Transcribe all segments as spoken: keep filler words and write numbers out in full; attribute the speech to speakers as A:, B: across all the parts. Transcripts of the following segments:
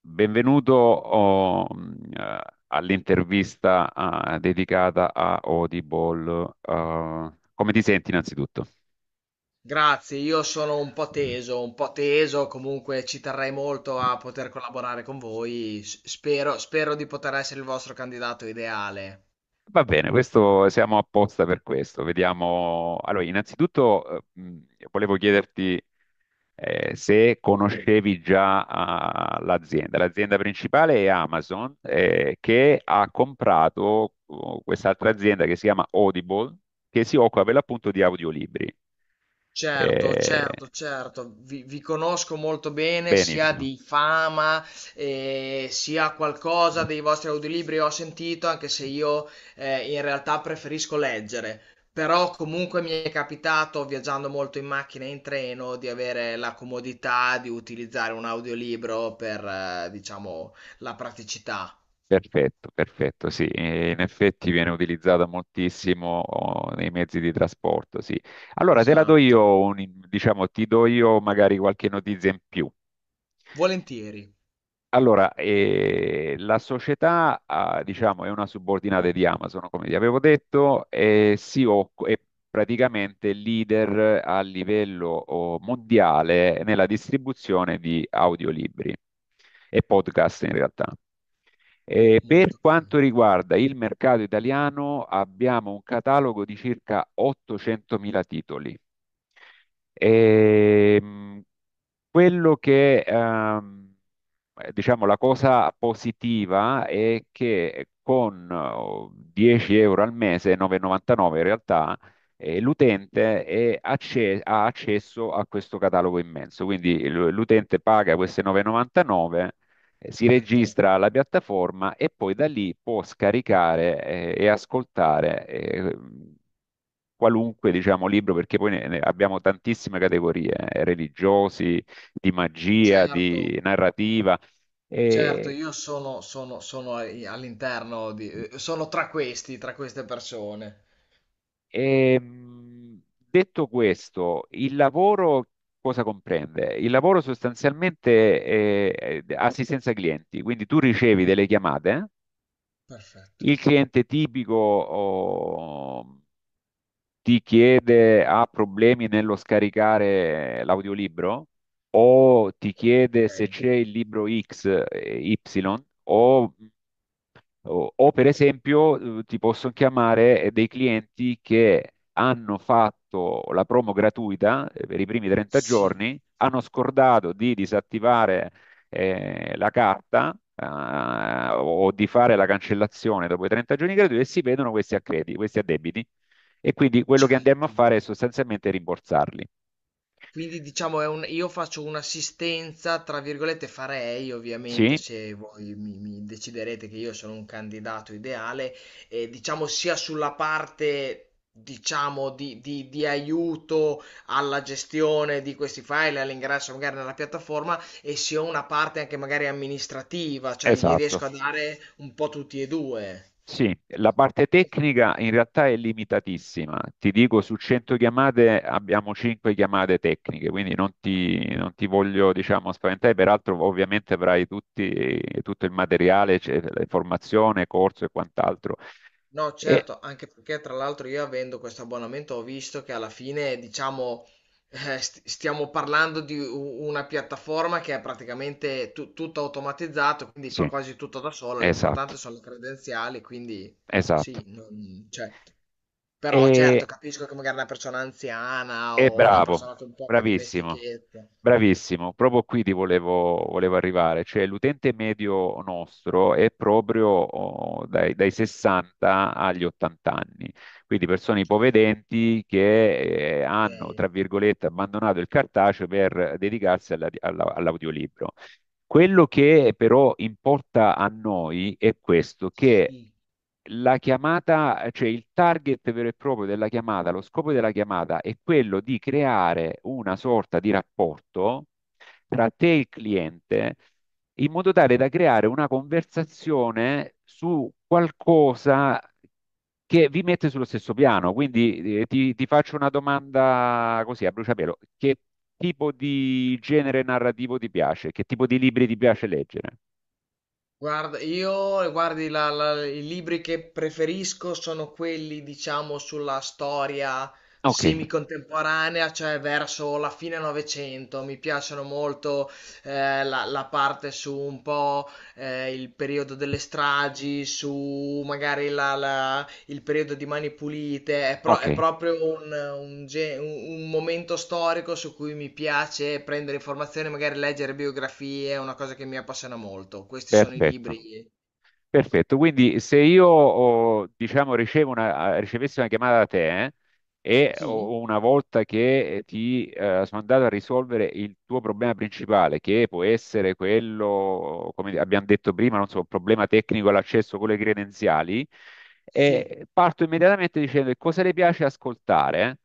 A: Benvenuto oh, mh, eh, all'intervista ah, dedicata a Audible. Ah, come ti senti innanzitutto?
B: Grazie, io sono un po' teso, un po' teso, comunque ci terrei molto a poter collaborare con voi. S- Spero, spero di poter essere il vostro candidato ideale.
A: Va bene, questo, siamo apposta per questo. Vediamo. Allora, innanzitutto eh, mh, volevo chiederti eh, se conoscevi già ah, l'azienda. L'azienda principale è Amazon, eh, che ha comprato oh, quest'altra azienda che si chiama Audible, che si occupa per l'appunto di audiolibri.
B: Certo,
A: Eh,
B: certo, certo, vi, vi conosco molto bene, sia
A: benissimo.
B: di fama, eh, sia qualcosa dei vostri audiolibri ho sentito, anche se io eh, in realtà preferisco leggere, però comunque mi è capitato, viaggiando molto in macchina e in treno, di avere la comodità di utilizzare un audiolibro per, eh, diciamo, la praticità.
A: Perfetto, perfetto, sì. Eh, in effetti viene utilizzata moltissimo oh, nei mezzi di trasporto, sì. Allora te la do
B: Esatto,
A: io, un- diciamo, ti do io magari qualche notizia in più.
B: volentieri.
A: Allora, eh, la società, ah, diciamo, è una subordinata di Amazon, come vi avevo detto, e si occu- è praticamente leader a livello oh, mondiale nella distribuzione di audiolibri e podcast in realtà.
B: Mo-
A: Eh, per
B: molto bene,
A: quanto riguarda il mercato italiano, abbiamo un catalogo di circa ottocentomila titoli. Ehm, quello che ehm, eh, diciamo, la cosa positiva è che con eh, dieci euro al mese, nove e novantanove in realtà, eh, l'utente è acce- ha accesso a questo catalogo immenso. Quindi l- l'utente paga queste nove e novantanove, eh, si
B: certo,
A: registra alla piattaforma e poi da lì può scaricare, eh, e ascoltare. eh, Qualunque, diciamo, libro, perché poi ne- ne abbiamo tantissime categorie, eh, religiosi, di magia,
B: certo.
A: di narrativa,
B: Certo,
A: e,
B: io sono, sono, sono ai- all'interno di... eh, sono tra questi, tra queste persone.
A: ehm, detto questo, il lavoro cosa comprende? Il lavoro sostanzialmente è è assistenza ai clienti, quindi tu ricevi delle chiamate,
B: Perfetto.
A: il cliente tipico oh, ti chiede, ha problemi nello scaricare l'audiolibro o ti chiede se
B: Ok.
A: c'è il libro X, eh, Y o O, o, per esempio, eh, ti posso chiamare eh, dei clienti che hanno fatto la promo gratuita eh, per i primi trenta
B: Sì,
A: giorni, hanno scordato di disattivare eh, la carta eh, o di fare la cancellazione dopo i trenta giorni gratuiti e si vedono questi accrediti, questi addebiti. E quindi quello che andiamo a
B: certo.
A: fare è sostanzialmente rimborsarli.
B: Quindi diciamo è un io faccio un'assistenza, tra virgolette farei ovviamente
A: Sì,
B: se voi mi, mi deciderete che io sono un candidato ideale, eh, diciamo sia sulla parte diciamo di, di- di aiuto alla gestione di questi file, all'ingresso magari nella piattaforma e sia una parte anche magari amministrativa, cioè gli
A: esatto.
B: riesco a dare un po' tutti e due.
A: Sì, la parte tecnica in realtà è limitatissima. Ti dico, su cento chiamate abbiamo cinque chiamate tecniche, quindi non ti, non ti voglio, diciamo, spaventare. Peraltro, ovviamente avrai tutti- tutto il materiale, cioè, la formazione, corso e quant'altro.
B: No,
A: E,
B: certo, anche perché tra l'altro io avendo questo abbonamento ho visto che alla fine, diciamo, eh, st- stiamo parlando di u- una piattaforma che è praticamente tu- tutto automatizzato, quindi fa
A: sì,
B: quasi tutto da sola,
A: esatto,
B: l'importante sono le credenziali, quindi sì,
A: esatto.
B: non- cioè, però certo,
A: E,
B: capisco che magari una persona anziana
A: e
B: o una
A: Bravo, bravo,
B: persona con poca
A: bravissimo.
B: dimestichezza,
A: Bravissimo, proprio qui ti volevo, volevo arrivare, cioè l'utente medio nostro è proprio oh, dai, dai sessanta agli ottanta anni, quindi persone
B: certo,
A: ipovedenti che eh, hanno,
B: ok,
A: tra virgolette, abbandonato il cartaceo per dedicarsi alla- alla- all'audiolibro. Quello che però importa a noi è questo, che
B: sì.
A: la chiamata, cioè il target vero e proprio della chiamata, lo scopo della chiamata è quello di creare una sorta di rapporto tra te e il cliente in modo tale da creare una conversazione su qualcosa che vi mette sullo stesso piano. Quindi eh, ti, ti faccio una domanda così a bruciapelo. Che tipo di genere narrativo ti piace? Che tipo di libri ti piace leggere?
B: Guarda, io guardi, la- la- i libri che preferisco sono quelli, diciamo, sulla storia
A: Ok,
B: semicontemporanea, cioè verso la fine Novecento. Mi piacciono molto eh, la, la parte su un po' eh, il periodo delle stragi, su magari la, la- il periodo di Mani Pulite, è, pro-
A: ok,
B: è proprio un, un ge- un- un momento storico su cui mi piace prendere informazioni, magari leggere biografie, è una cosa che mi appassiona molto. Questi sono i
A: perfetto.
B: libri.
A: Perfetto, quindi se io oh, diciamo, ricevo una- eh, ricevessi una chiamata da te eh, e
B: Sì,
A: o- una volta che eh, ti eh, sono andato a risolvere il tuo problema principale, che può essere quello, come abbiamo detto prima, non so, un problema tecnico all'accesso con le credenziali,
B: sì,
A: eh, parto immediatamente dicendo che cosa le piace ascoltare,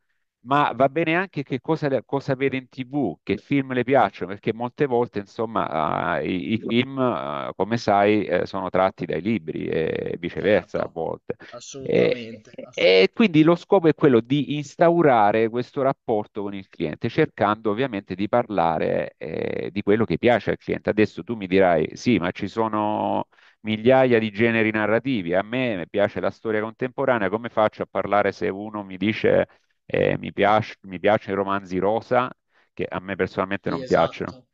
A: ma va bene anche che cosa, cosa vede in T V, che film le piacciono, perché molte volte, insomma, eh, i, i film, eh, come sai, eh, sono tratti dai libri e viceversa a
B: certo,
A: volte. E,
B: assolutamente. Ass-
A: e quindi lo scopo è quello di instaurare questo rapporto con il cliente, cercando ovviamente di parlare, eh, di quello che piace al cliente. Adesso tu mi dirai, sì, ma ci sono migliaia di generi narrativi. A me piace la storia contemporanea, come faccio a parlare se uno mi dice eh, mi piace- mi piacciono i romanzi rosa, che a me personalmente
B: sì,
A: non piacciono.
B: esatto.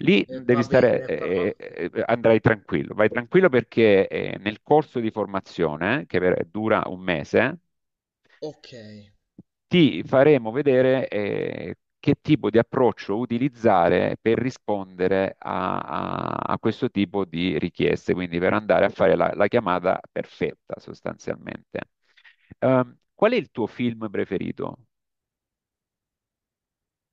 A: Lì
B: Eh,
A: devi
B: va
A: stare,
B: bene, però.
A: eh, eh, eh, andrai tranquillo, vai tranquillo perché eh, nel corso di formazione, che per- dura un mese,
B: Ok.
A: ti faremo vedere eh, che tipo di approccio utilizzare per rispondere a, a- a questo tipo di richieste, quindi per andare a fare la, la chiamata perfetta sostanzialmente. Ehm, qual è il tuo film preferito?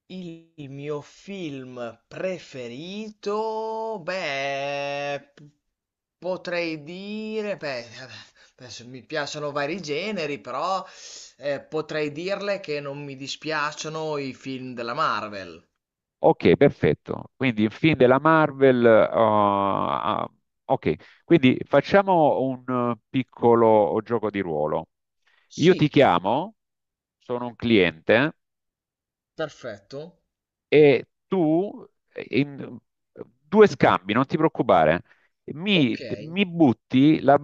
B: Il mio film preferito, beh, p- potrei dire, beh, adesso mi piacciono vari generi, però eh, potrei dirle che non mi dispiacciono i film della Marvel.
A: Ok, perfetto. Quindi il film della Marvel. Ah, ok, quindi facciamo un eh, piccolo gioco di ruolo. Io ti
B: Sì,
A: chiamo, sono un cliente
B: perfetto.
A: e tu eh, in eh, due scambi, non ti preoccupare,
B: Ok.
A: mi, mi butti la,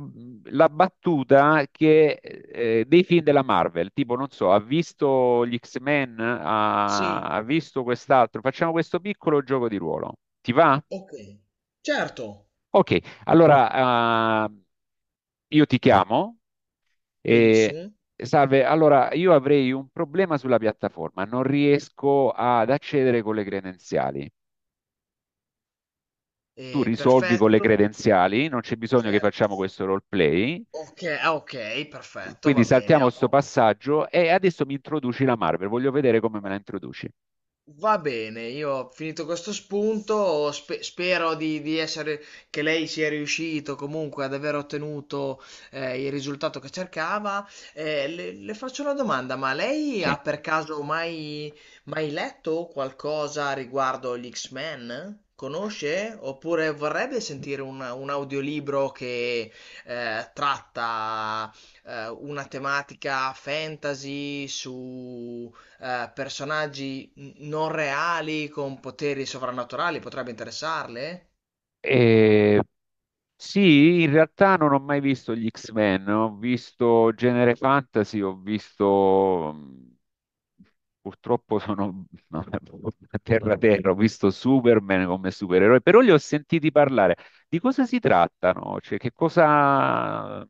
A: la battuta che, eh, dei film della Marvel, tipo, non so, ha visto gli X-Men, ha,
B: Sì,
A: ha visto quest'altro, facciamo questo piccolo gioco di ruolo. Ti va?
B: ok. Certo,
A: Ok, allora ah, io ti chiamo e
B: benissimo.
A: salve, allora io avrei un problema sulla piattaforma, non riesco ad accedere con le credenziali. Tu
B: Eh,
A: risolvi con le
B: perfetto,
A: credenziali, non c'è bisogno che
B: certo.
A: facciamo questo roleplay.
B: Ok, ah, ok, perfetto,
A: Quindi
B: va
A: saltiamo
B: bene.
A: questo
B: ho-
A: passaggio e adesso mi introduci la Marvel, voglio vedere come me la introduci.
B: Va bene, io ho finito questo spunto, spe- spero di, di essere, che lei sia riuscito comunque ad aver ottenuto eh, il risultato che cercava. Eh, le, le faccio una domanda, ma lei
A: Sì.
B: ha per caso mai, mai letto qualcosa riguardo gli X-Men? Conosce? Oppure vorrebbe sentire un, un audiolibro che eh, tratta eh, una tematica fantasy su eh, personaggi n- non reali con poteri sovrannaturali potrebbe interessarle?
A: E- sì, in realtà non ho mai visto gli X-Men, ho visto genere fantasy, ho visto... mm, purtroppo sono a terra terra, ho visto Superman come supereroe, però li ho sentiti parlare. Di cosa si trattano? Cioè, che cosa...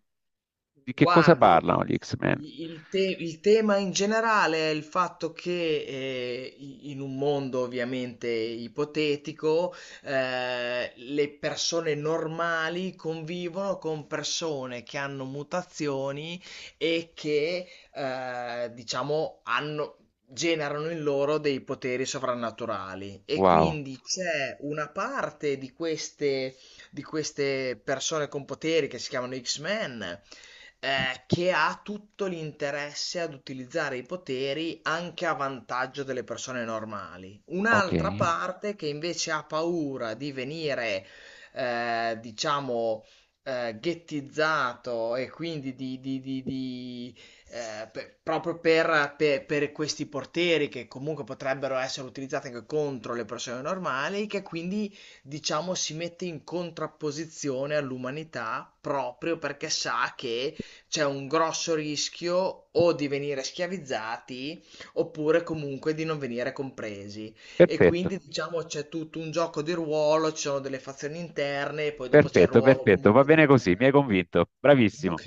A: Di che cosa
B: Guardi, il,
A: parlano gli X-Men?
B: il te- il tema in generale è il fatto che eh, i- in un mondo ovviamente ipotetico, eh, le persone normali convivono con persone che hanno mutazioni e che eh, diciamo hanno, generano in loro dei poteri sovrannaturali e
A: Wow,
B: quindi c'è una parte di queste, di queste persone con poteri che si chiamano X-Men, eh, che ha tutto l'interesse ad utilizzare i poteri anche a vantaggio delle persone normali.
A: ok,
B: Un'altra parte che invece ha paura di venire, eh, diciamo, eh, ghettizzato e quindi di, di- di- di, eh, per- proprio per, per- per questi portieri che comunque potrebbero essere utilizzati anche contro le persone normali, che quindi diciamo si mette in contrapposizione all'umanità proprio perché sa che c'è un grosso rischio o di venire schiavizzati oppure comunque di non venire compresi. E
A: perfetto.
B: quindi diciamo c'è tutto un gioco di ruolo, ci sono delle fazioni interne, e poi dopo c'è il
A: Perfetto,
B: ruolo
A: perfetto, va
B: comunque
A: bene
B: degli umani.
A: così, mi hai convinto, bravissimo.
B: Ok,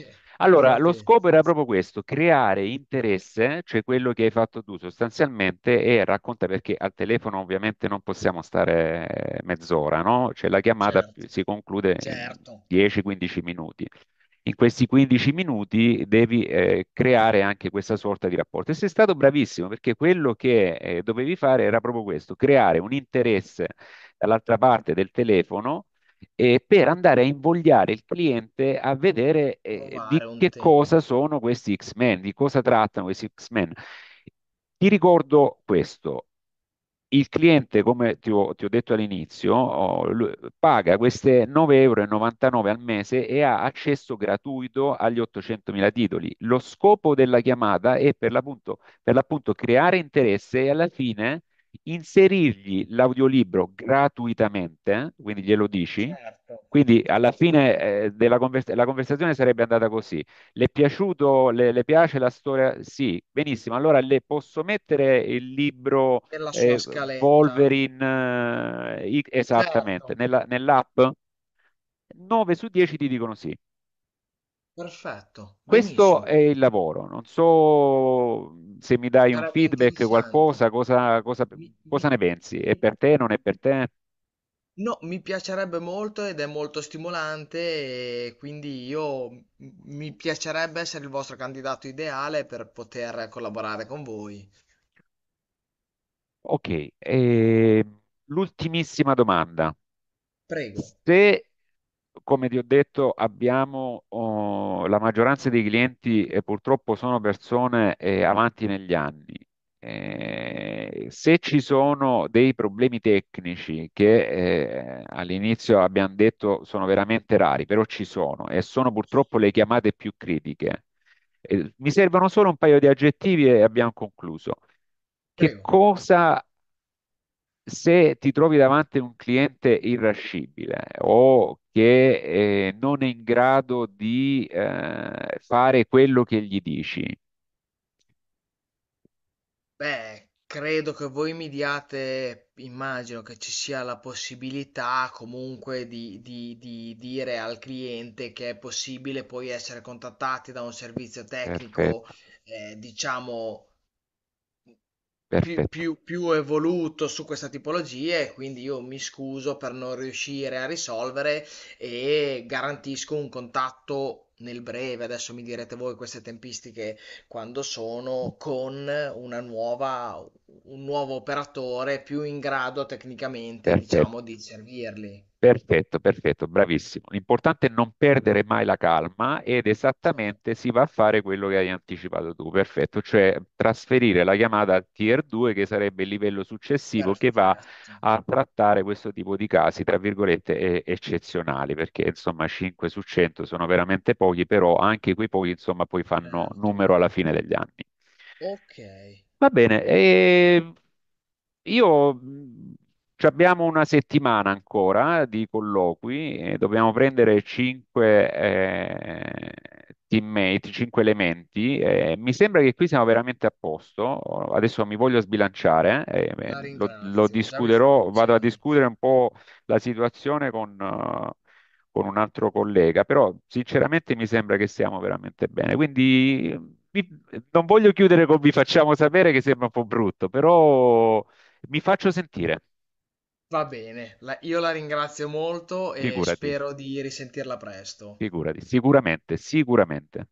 B: va
A: Allora, lo
B: bene,
A: scopo era proprio questo, creare interesse, cioè quello che hai fatto tu sostanzialmente, e racconta perché al telefono ovviamente non possiamo stare eh, mezz'ora, no? Cioè la chiamata
B: certo,
A: si conclude in
B: certo,
A: dieci a quindici minuti. In questi quindici minuti devi eh, creare anche questa sorta di rapporto. E sei stato bravissimo perché quello che eh, dovevi fare era proprio questo, creare un interesse dall'altra parte del telefono eh, per andare a invogliare il cliente a vedere eh, di
B: provare un
A: che cosa
B: tema,
A: sono questi X-Men, di cosa trattano questi X-Men. Ti ricordo questo. Il cliente, come ti ho, ti ho detto all'inizio, oh, lui paga queste nove e novantanove euro al mese e ha accesso gratuito agli ottocentomila titoli. Lo scopo della chiamata è per l'appunto per l'appunto creare interesse e alla fine inserirgli l'audiolibro gratuitamente, quindi glielo dici.
B: certo,
A: Quindi alla fine eh, della convers- la conversazione sarebbe andata così. Le è piaciuto, le, le piace la storia? Sì, benissimo. Allora le posso mettere il libro
B: nella sua
A: eh,
B: scaletta,
A: Wolverine eh, i- esattamente
B: certo,
A: nella- nell'app? nove su dieci ti dicono sì.
B: perfetto,
A: Questo
B: benissimo,
A: è il lavoro, non so se mi dai un
B: sarebbe
A: feedback,
B: interessante.
A: qualcosa, cosa, cosa-
B: Mi, mi,
A: cosa ne pensi? È
B: mi...
A: per te, non è per te?
B: No, mi piacerebbe molto ed è molto stimolante e quindi io m- mi piacerebbe essere il vostro candidato ideale per poter collaborare con voi.
A: Ok, e l'ultimissima domanda.
B: Prego.
A: Se come ti ho detto, abbiamo oh, la maggioranza dei clienti e purtroppo sono persone eh, avanti negli anni. Eh, se ci sono dei problemi tecnici che eh, all'inizio abbiamo detto sono veramente rari, però ci sono e sono purtroppo
B: Sì.
A: le chiamate più critiche. Eh, mi servono solo un paio di aggettivi e abbiamo concluso. Che
B: Prego.
A: cosa se ti trovi davanti un cliente irascibile o che eh, non è in grado di eh, fare quello che gli dici,
B: Beh, credo che voi mi diate, immagino che ci sia la possibilità comunque di, di- di dire al cliente che è possibile poi essere contattati da un servizio tecnico,
A: perfetto,
B: eh, diciamo. Più,
A: perfetto,
B: più, più evoluto su questa tipologia e quindi io mi scuso per non riuscire a risolvere e garantisco un contatto nel breve, adesso mi direte voi queste tempistiche quando sono, con una nuova, un nuovo operatore più in grado tecnicamente, diciamo,
A: perfetto.
B: di servirli.
A: Perfetto, perfetto, bravissimo. L'importante è non perdere mai la calma ed esattamente
B: Certo.
A: si va a fare quello che hai anticipato tu, perfetto, cioè trasferire la chiamata al tier due che sarebbe il livello successivo che va
B: Perfetto,
A: a trattare questo tipo di casi, tra virgolette, e- eccezionali, perché insomma cinque su cento sono veramente pochi, però anche quei pochi insomma poi fanno
B: certo.
A: numero alla fine degli anni.
B: Ok,
A: Va bene, e io mh, ci abbiamo una settimana ancora eh, di colloqui e dobbiamo prendere cinque eh, teammate, cinque elementi. Eh, mi sembra che qui siamo veramente a posto. Adesso mi voglio sbilanciare, eh, eh,
B: la
A: lo, lo
B: ringrazio, già mi fa
A: discuterò, vado a
B: piacere.
A: discutere un po' la situazione con, eh, con un altro collega, però sinceramente mi sembra che siamo veramente bene. Quindi vi- non voglio chiudere con vi facciamo sapere che sembra un po' brutto, però mi faccio sentire.
B: Va bene, la- io la ringrazio molto e
A: Figurati,
B: spero di risentirla presto.
A: figurati, sicuramente, sicuramente.